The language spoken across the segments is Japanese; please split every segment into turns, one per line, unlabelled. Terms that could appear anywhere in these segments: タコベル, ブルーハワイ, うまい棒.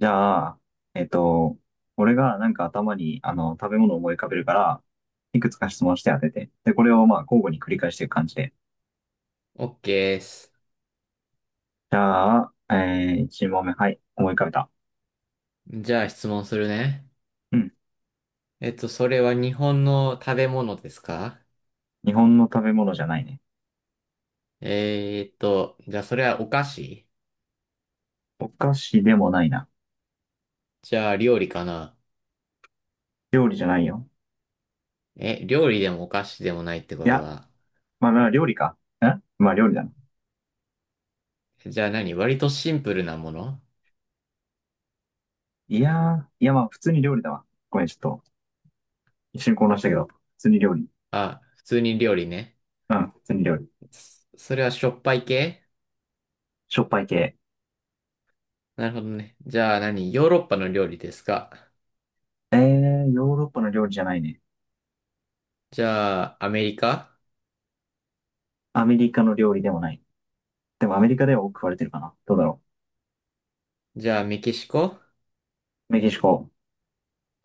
じゃあ、えっと、俺がなんか頭に食べ物を思い浮かべるから、いくつか質問して当てて。で、これを交互に繰り返していく感じで。
OK です。
じゃあ、1問目。はい。思い浮かべた。
じゃあ質問するね。
うん。
それは日本の食べ物ですか？
日本の食べ物じゃないね。
じゃあそれはお菓子？
お菓子でもないな。
じゃあ料理かな？
料理じゃないよ。
え、料理でもお菓子でもないってこ
い
と
や、
は。
まあ料理か。まあ料理だな。
じゃあ何割とシンプルなもの？
いやまあ普通に料理だわ。ごめん、ちょっと一瞬混乱したけど。普通に料理。
あ、普通に料理ね。
うん、普通に料理。
それはしょっぱい系？
しょっぱい系。
なるほどね。じゃあ何ヨーロッパの料理ですか？
ヨーロッパの料理じゃないね。
じゃあアメリカ？
アメリカの料理でもない。でもアメリカでは多く食われてるかな。どうだろ
じゃあメキシコ？
う。メキシコ。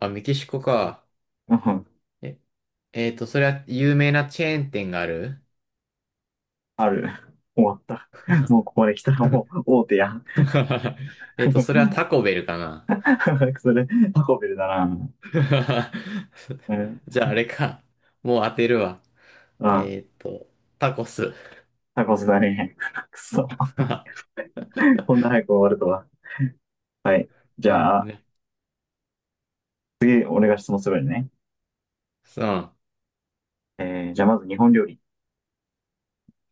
あ、メキシコか。
うん、
え、えーっと、それは有名なチェーン店がある？
ある。終わった。もうここまで来たら もう大手や。
それはタコベルかな。
それ、タコベルだな。うん。
じゃあ、あれか。もう当てるわ。
あ、
えっと、タコス。
タコスだね。く そ。
な
こんな早く終わるとは。はい。じ
るほど
ゃあ、
ね。
次、俺が質問するよね。
そう。
じゃあまず日本料理。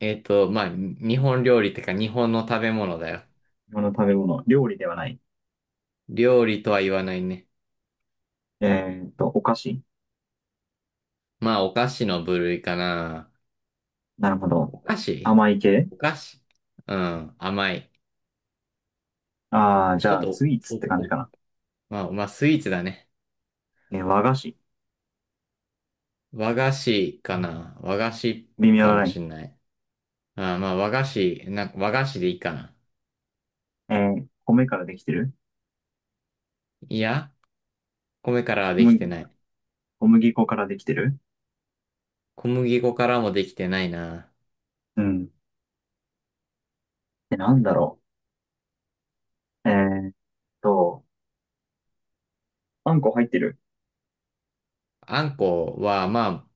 まあ、日本料理ってか、日本の食べ物だよ。
日本の食べ物。料理ではない。
料理とは言わないね。
お菓子。
まあ、お菓子の部類かな。
なるほど。
お菓子
甘い系。
お菓子うん、甘い。
ああー、じ
ちょっ
ゃあ、
と、
スイーツ
お、
って感
お、
じか
お
な。
まあ、スイーツだね。
和菓子。
和菓子かな。和菓子
微妙
か
な
も
ライ
し
ン。
んない。まあ、和菓子、なんか和菓子でいいかな。
え米からできてる？
いや、米からはで
う
き
ん、
てない。
小麦粉からできてる？
小麦粉からもできてないな。
うん。で、なんだろう。と、あんこ入ってる。
あんこは、まあ、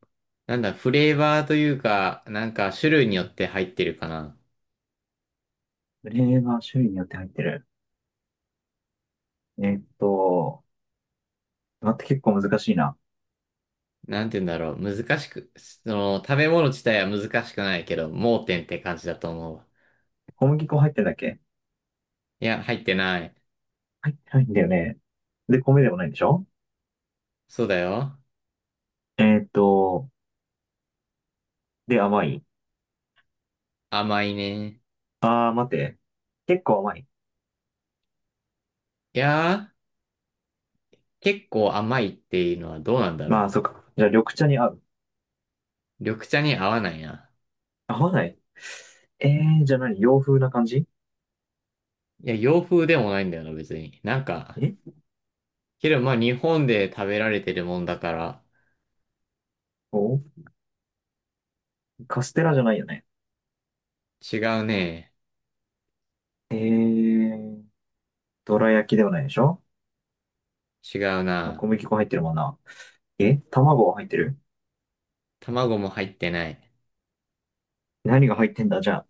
なんだ、フレーバーというか、なんか種類によって入ってるかな。
フレーバー種類によって入ってる。えーっと、待って結構難しいな。
なんて言うんだろう。難しく、その、食べ物自体は難しくないけど、盲点って感じだと思うわ。
小麦粉入ってるだけ？
いや、入ってない。
入ってないんだよね。で、米でもないんでしょ？
そうだよ。
えーっと、で、甘い。
甘いね。
あー、待って。結構甘い。
いやー、結構甘いっていうのはどうなんだろ
ま
う。
あ、そっか。じゃあ、緑茶に合う。
緑茶に合わないな。
合わない？えじゃあ何、洋風な感じ？
いや、洋風でもないんだよな、別に。なんか、
え
けど、まあ、日本で食べられてるもんだから、
おカステラじゃないよね。
違うね。
えー、どら焼きではないでしょ？
違う
まあ小
な。
麦粉入ってるもんな。え、卵は入ってる？
卵も入ってない。
何が入ってんだじゃあ。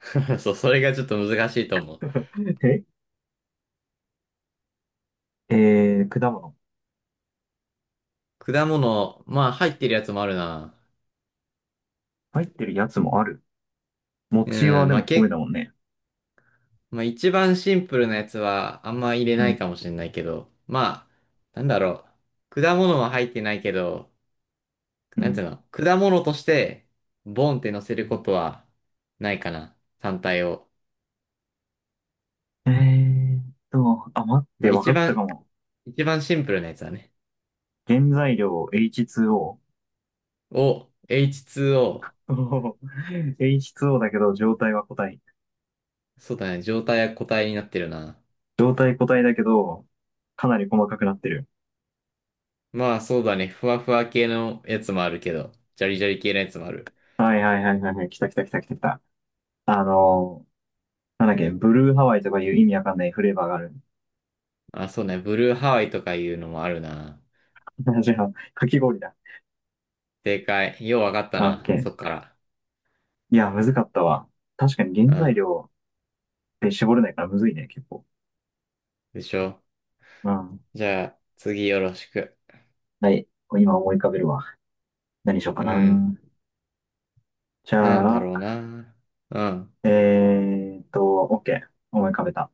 そう、それがちょっと難しいと思う。
ええー、果物。
果物、まあ、入ってるやつもあるな。
入ってるやつもある。餅は
うん、
で
まあ、
も米だもんね。
まあ、一番シンプルなやつは、あんま入れ
う
ない
ん、
かもしれないけど、まあ、なんだろう。果物は入ってないけど、
う
なんて
ん。
いうの、果物として、ボンって乗せることは、ないかな。単体を。
えーっあ、待っ
ま
て、
あ、
わか
一
ったか
番、
も。
一番シンプルなやつだね。
原材料 H2O。
を H2O。
おー H2O だけど、状態は個体。
そうだね。状態や固体になってるな。
状態個体だけど、かなり細かくなってる。
まあそうだね。ふわふわ系のやつもあるけど、ジャリジャリ系のやつもある。
はいはいはいはいはい。来た来た来た来た来た。あのなんだっけ、ブルーハワイとかいう意味わかんないフレーバーがある。
まあ、そうね。ブルーハワイとかいうのもあるな。
じゃあ、かき氷だ。
正解。ようわかった
あ、オッケ
な。そっ
ー。
から。
いや、むずかったわ。確かに原
う
材
ん。
料で絞れないからむずいね、結構。
でしょ。
うん。
じゃあ、次よろしく。
はい。今思い浮かべるわ。何しようか
う
な。
ん。
じ
なん
ゃ
だろう
あ、
な。うん。
えーっと、OK。思い浮かべた。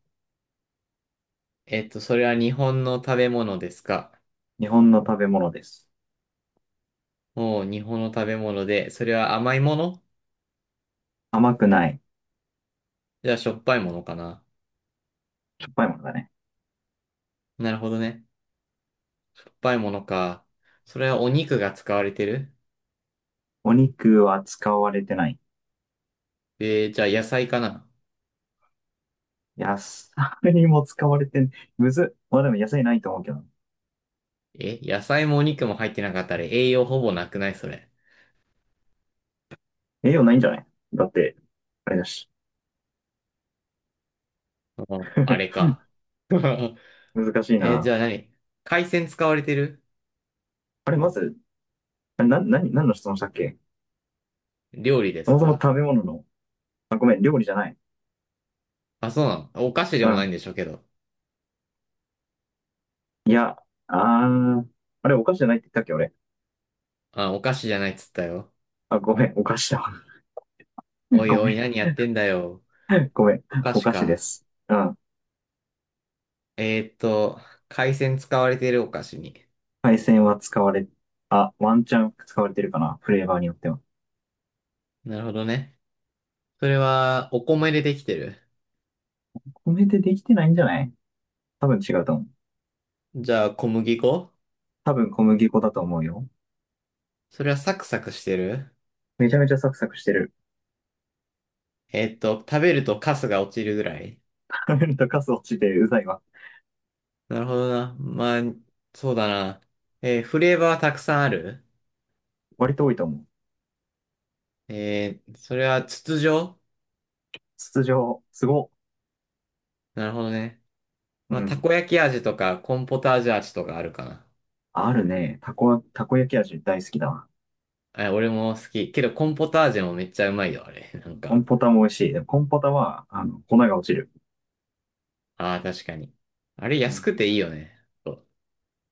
それは日本の食べ物ですか？
日本の食べ物です。
おう、日本の食べ物で、それは甘いもの？
甘くない。
じゃあしょっぱいものかな。
しょっぱいものだね。
なるほどね。しょっぱいものか。それはお肉が使われてる？
お肉は使われてない。
じゃあ野菜かな？
野菜にも使われてん、むずっ。まあでも野菜ないと思うけど。
え、野菜もお肉も入ってなかったら栄養ほぼなくないそれ。
栄養ないんじゃない？だって、あれだし。
うんあれ か。
難しい
じ
な。
ゃあ何海鮮使われてる
あれ、まず、あれ、何、質問したっけ？
料理で
そ
す
もそも
か？
食べ物の、あ、ごめん、料理じゃない。
あ、そうなの。お菓子で
う
もない
ん。
んでしょうけど。
いや、あー、あれ、お菓子じゃないって言ったっけ、俺。
あ、お菓子じゃないっつったよ。
あ、ごめん、お菓子だ。
お い
ご
お
め
い、
ん、
何やってんだよ。
ごめん、
お菓
お
子
菓子で
か。
す。うん。
えーっと、海鮮使われてるお菓子に。
配線は使われ、あ、ワンチャン使われてるかな、フレーバーによっては。
なるほどね。それは、お米でできてる。
米でできてないんじゃない？多分違うと思う。
じゃあ、小麦粉？
多分小麦粉だと思うよ。
それはサクサクしてる？
めちゃめちゃサクサクしてる。
食べるとカスが落ちるぐらい？
食べるとカス落ちてうざいわ。
なるほどな。まあ、そうだな。フレーバーはたくさんある？
割と多いと思う。
それは筒状？
筒状、すごっ。
なるほどね。ま
う
あ、た
ん。
こ焼き味とか、コーンポタージュ味とかあるかな。
あるね。たこ焼き味大好きだわ。
え、俺も好き。けど、コーンポタージュもめっちゃうまいよ、あれ。なん
コ
か。
ンポタも美味しい。でもコンポタは、粉が落ちる。
ああ、確かに。あれ、
う
安
ん。
くていいよね。そう、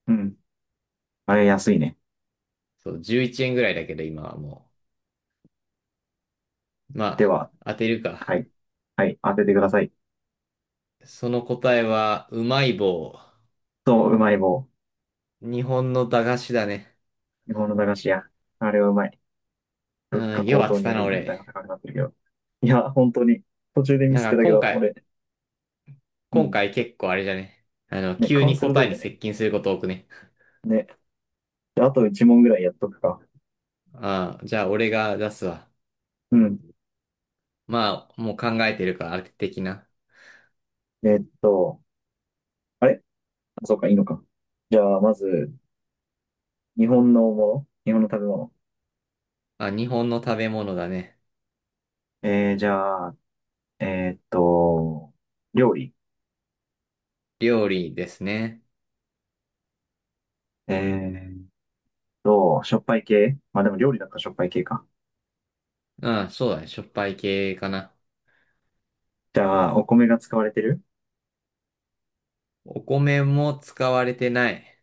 うん。あれ安いね。
そう11円ぐらいだけど、今はもう。ま
で
あ、
は、
当てるか。
はい。はい、当ててください。
その答えは、うまい棒。
そう、うまい棒。
日本の駄菓子だね。
日本の駄菓子屋。あれはうまい。
う
物価
ん、よう
高
当
騰
て
によ
たな、
り値段
俺。
が高くなってるけど。いや、本当に。途中でミ
な
ス
ん
って
か
たけ
今
ど、
回、
俺。う
今
ん。
回結構あれじゃね。
ね、
急
勘
に
鋭
答
い
えに
よね。
接近すること多くね。
ね。であと1問ぐらいやっとくか。
ああ、じゃあ俺が出すわ。
うん。
まあ、もう考えてるから、あれ的な。
えっと、あれ、あ、そうか、いいのか。じゃあ、まず、日本のもの、日本の食べ物。
あ、日本の食べ物だね。
えー、じゃあ、えーっと、料理。
料理ですね。
えーっしょっぱい系、まあでも料理だったらしょっぱい系か。
うん、そうだね。しょっぱい系かな。
じゃあ、お米が使われてる？
お米も使われてない。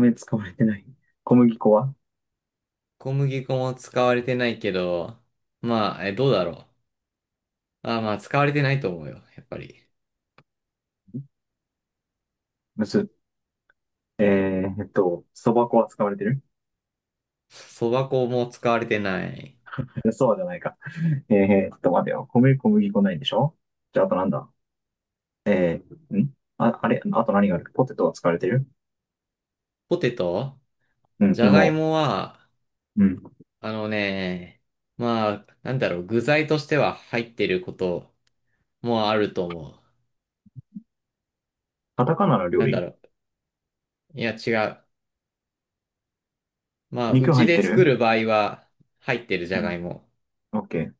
米使われてない。小麦粉は？
小麦粉も使われてないけど、まあ、どうだろう。あ、まあ、使われてないと思うよ。やっぱり。
むす。えー、そば粉は使われてる？
そば粉も使われてない。
そうじゃないか。えー、っと、待てよ。米、小麦粉ないでしょ？じゃあ、あとなんだん、あ、あれ、あと何がある？ポテトは使われてる？
ポテト？
うん、
じゃがい
芋。
もは、
うん。
あのね、まあ、なんだろう、具材としては入ってることもあると思う。
カタカナの料
なんだ
理？
ろう、いや違う。まあ、う
肉入
ち
って
で作
る？
る場合は入ってるじ
う
ゃが
ん。
いも。
オッケー。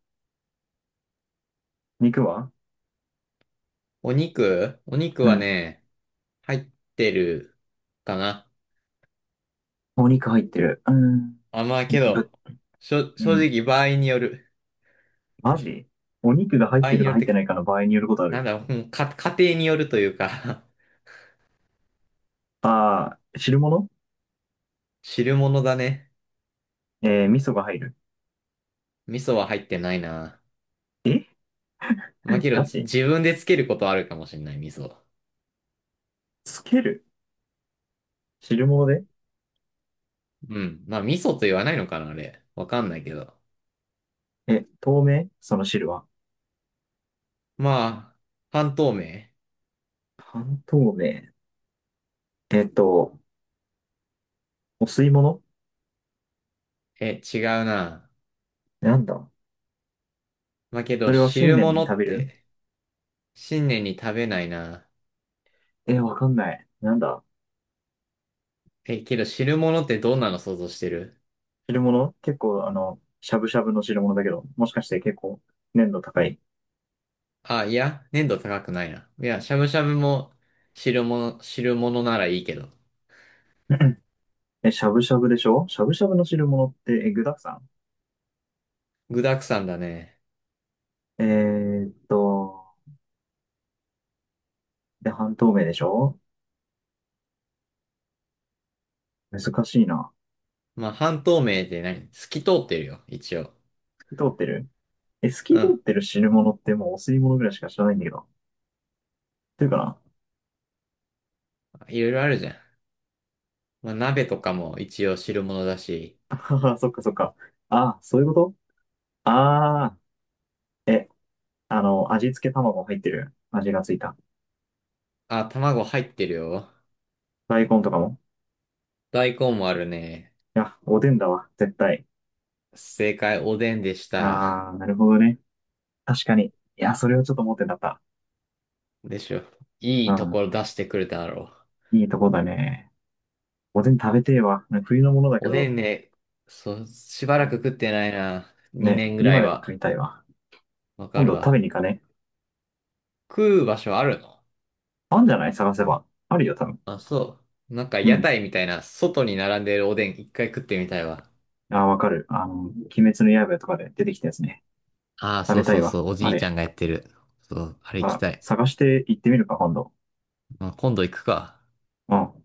肉は？
お肉
う
は
ん。
ね、入ってるかな。
お肉入ってる。うん。
あ、まあけど、
ぶ、う
正
ん。
直場合による。
マジお肉が入っ
場合
てる
に
か
よるっ
入っ
て
て
か、
ないかの場合によることあ
なん
る。
だろう、うんか、家庭によるというか
ああ、汁物。
汁物だね。
味噌が入る。
味噌は入ってないな。
え
まあけど、
ガチ
自分でつけることはあるかもしれない、味噌。
つける汁物で？
うん。まあ、味噌と言わないのかな、あれ。わかんないけど。
え、透明？その汁は。
まあ、半透明。
半透明。えっと、お吸い物？
え、違うな。
なんだ、
まあけ
そ
ど、
れは新
汁
年に
物
食
っ
べる？
て、新年に食べないな。
え、わかんない。なんだ、
え、けど、汁物ってどんなの想像してる？
汁物結構、しゃぶしゃぶの汁物だけど、もしかして結構、粘度高い。
あ、いや、粘度高くないな。いや、しゃぶしゃぶも汁物ならいいけど。
え、しゃぶしゃぶでしょ、しゃぶしゃぶの汁物って、え、具だくさ
具沢山だね。
ん、ーっと、で、半透明でしょ？難しいな。
まあ、半透明って何透き通ってるよ、一応。
透き通ってる？え、透き
う
通っ
ん。
てる汁物ってもうお吸い物ぐらいしか知らないんだけど。っていうかな。
いろいろあるじゃん。まあ、鍋とかも一応汁物だし。
はは、そっかそっか。ああ、そういうこと？ああー、味付け卵入ってる、味がついた。
あ、卵入ってるよ。
大根とかも。
大根もあるね。
いや、おでんだわ、絶対。
正解、おでんでした。
あー、なるほどね。確かに。いや、それをちょっと思ってなかっ
でしょ。い
た。
いと
う
ころ出してくれただろ
ん。いいとこだね。おでん食べてえわ。なんか冬のものだ
う。
け
おで
ど、
んね、そう、しば
う
らく
ん、
食ってないな。
ね、
2年ぐら
今
い
でも食
は。
いたいわ。
わ
今
かる
度食べ
わ。
に行かね。
食う場所あるの？
あんじゃない、探せば。あるよ、多分。
あ、そう。なんか
う
屋
ん。
台みたいな、外に並んでるおでん一回食ってみたいわ。
あー、わかる。鬼滅の刃とかで出てきたやつね。
ああ、
食
そ
べ
う
た
そ
い
う
わ。
そう、おじ
あ
いちゃん
れ。
がやってる。そう、あれ
ま
行き
あ、
たい。
探して行ってみるか、今度。
まあ、今度行くか。
うん。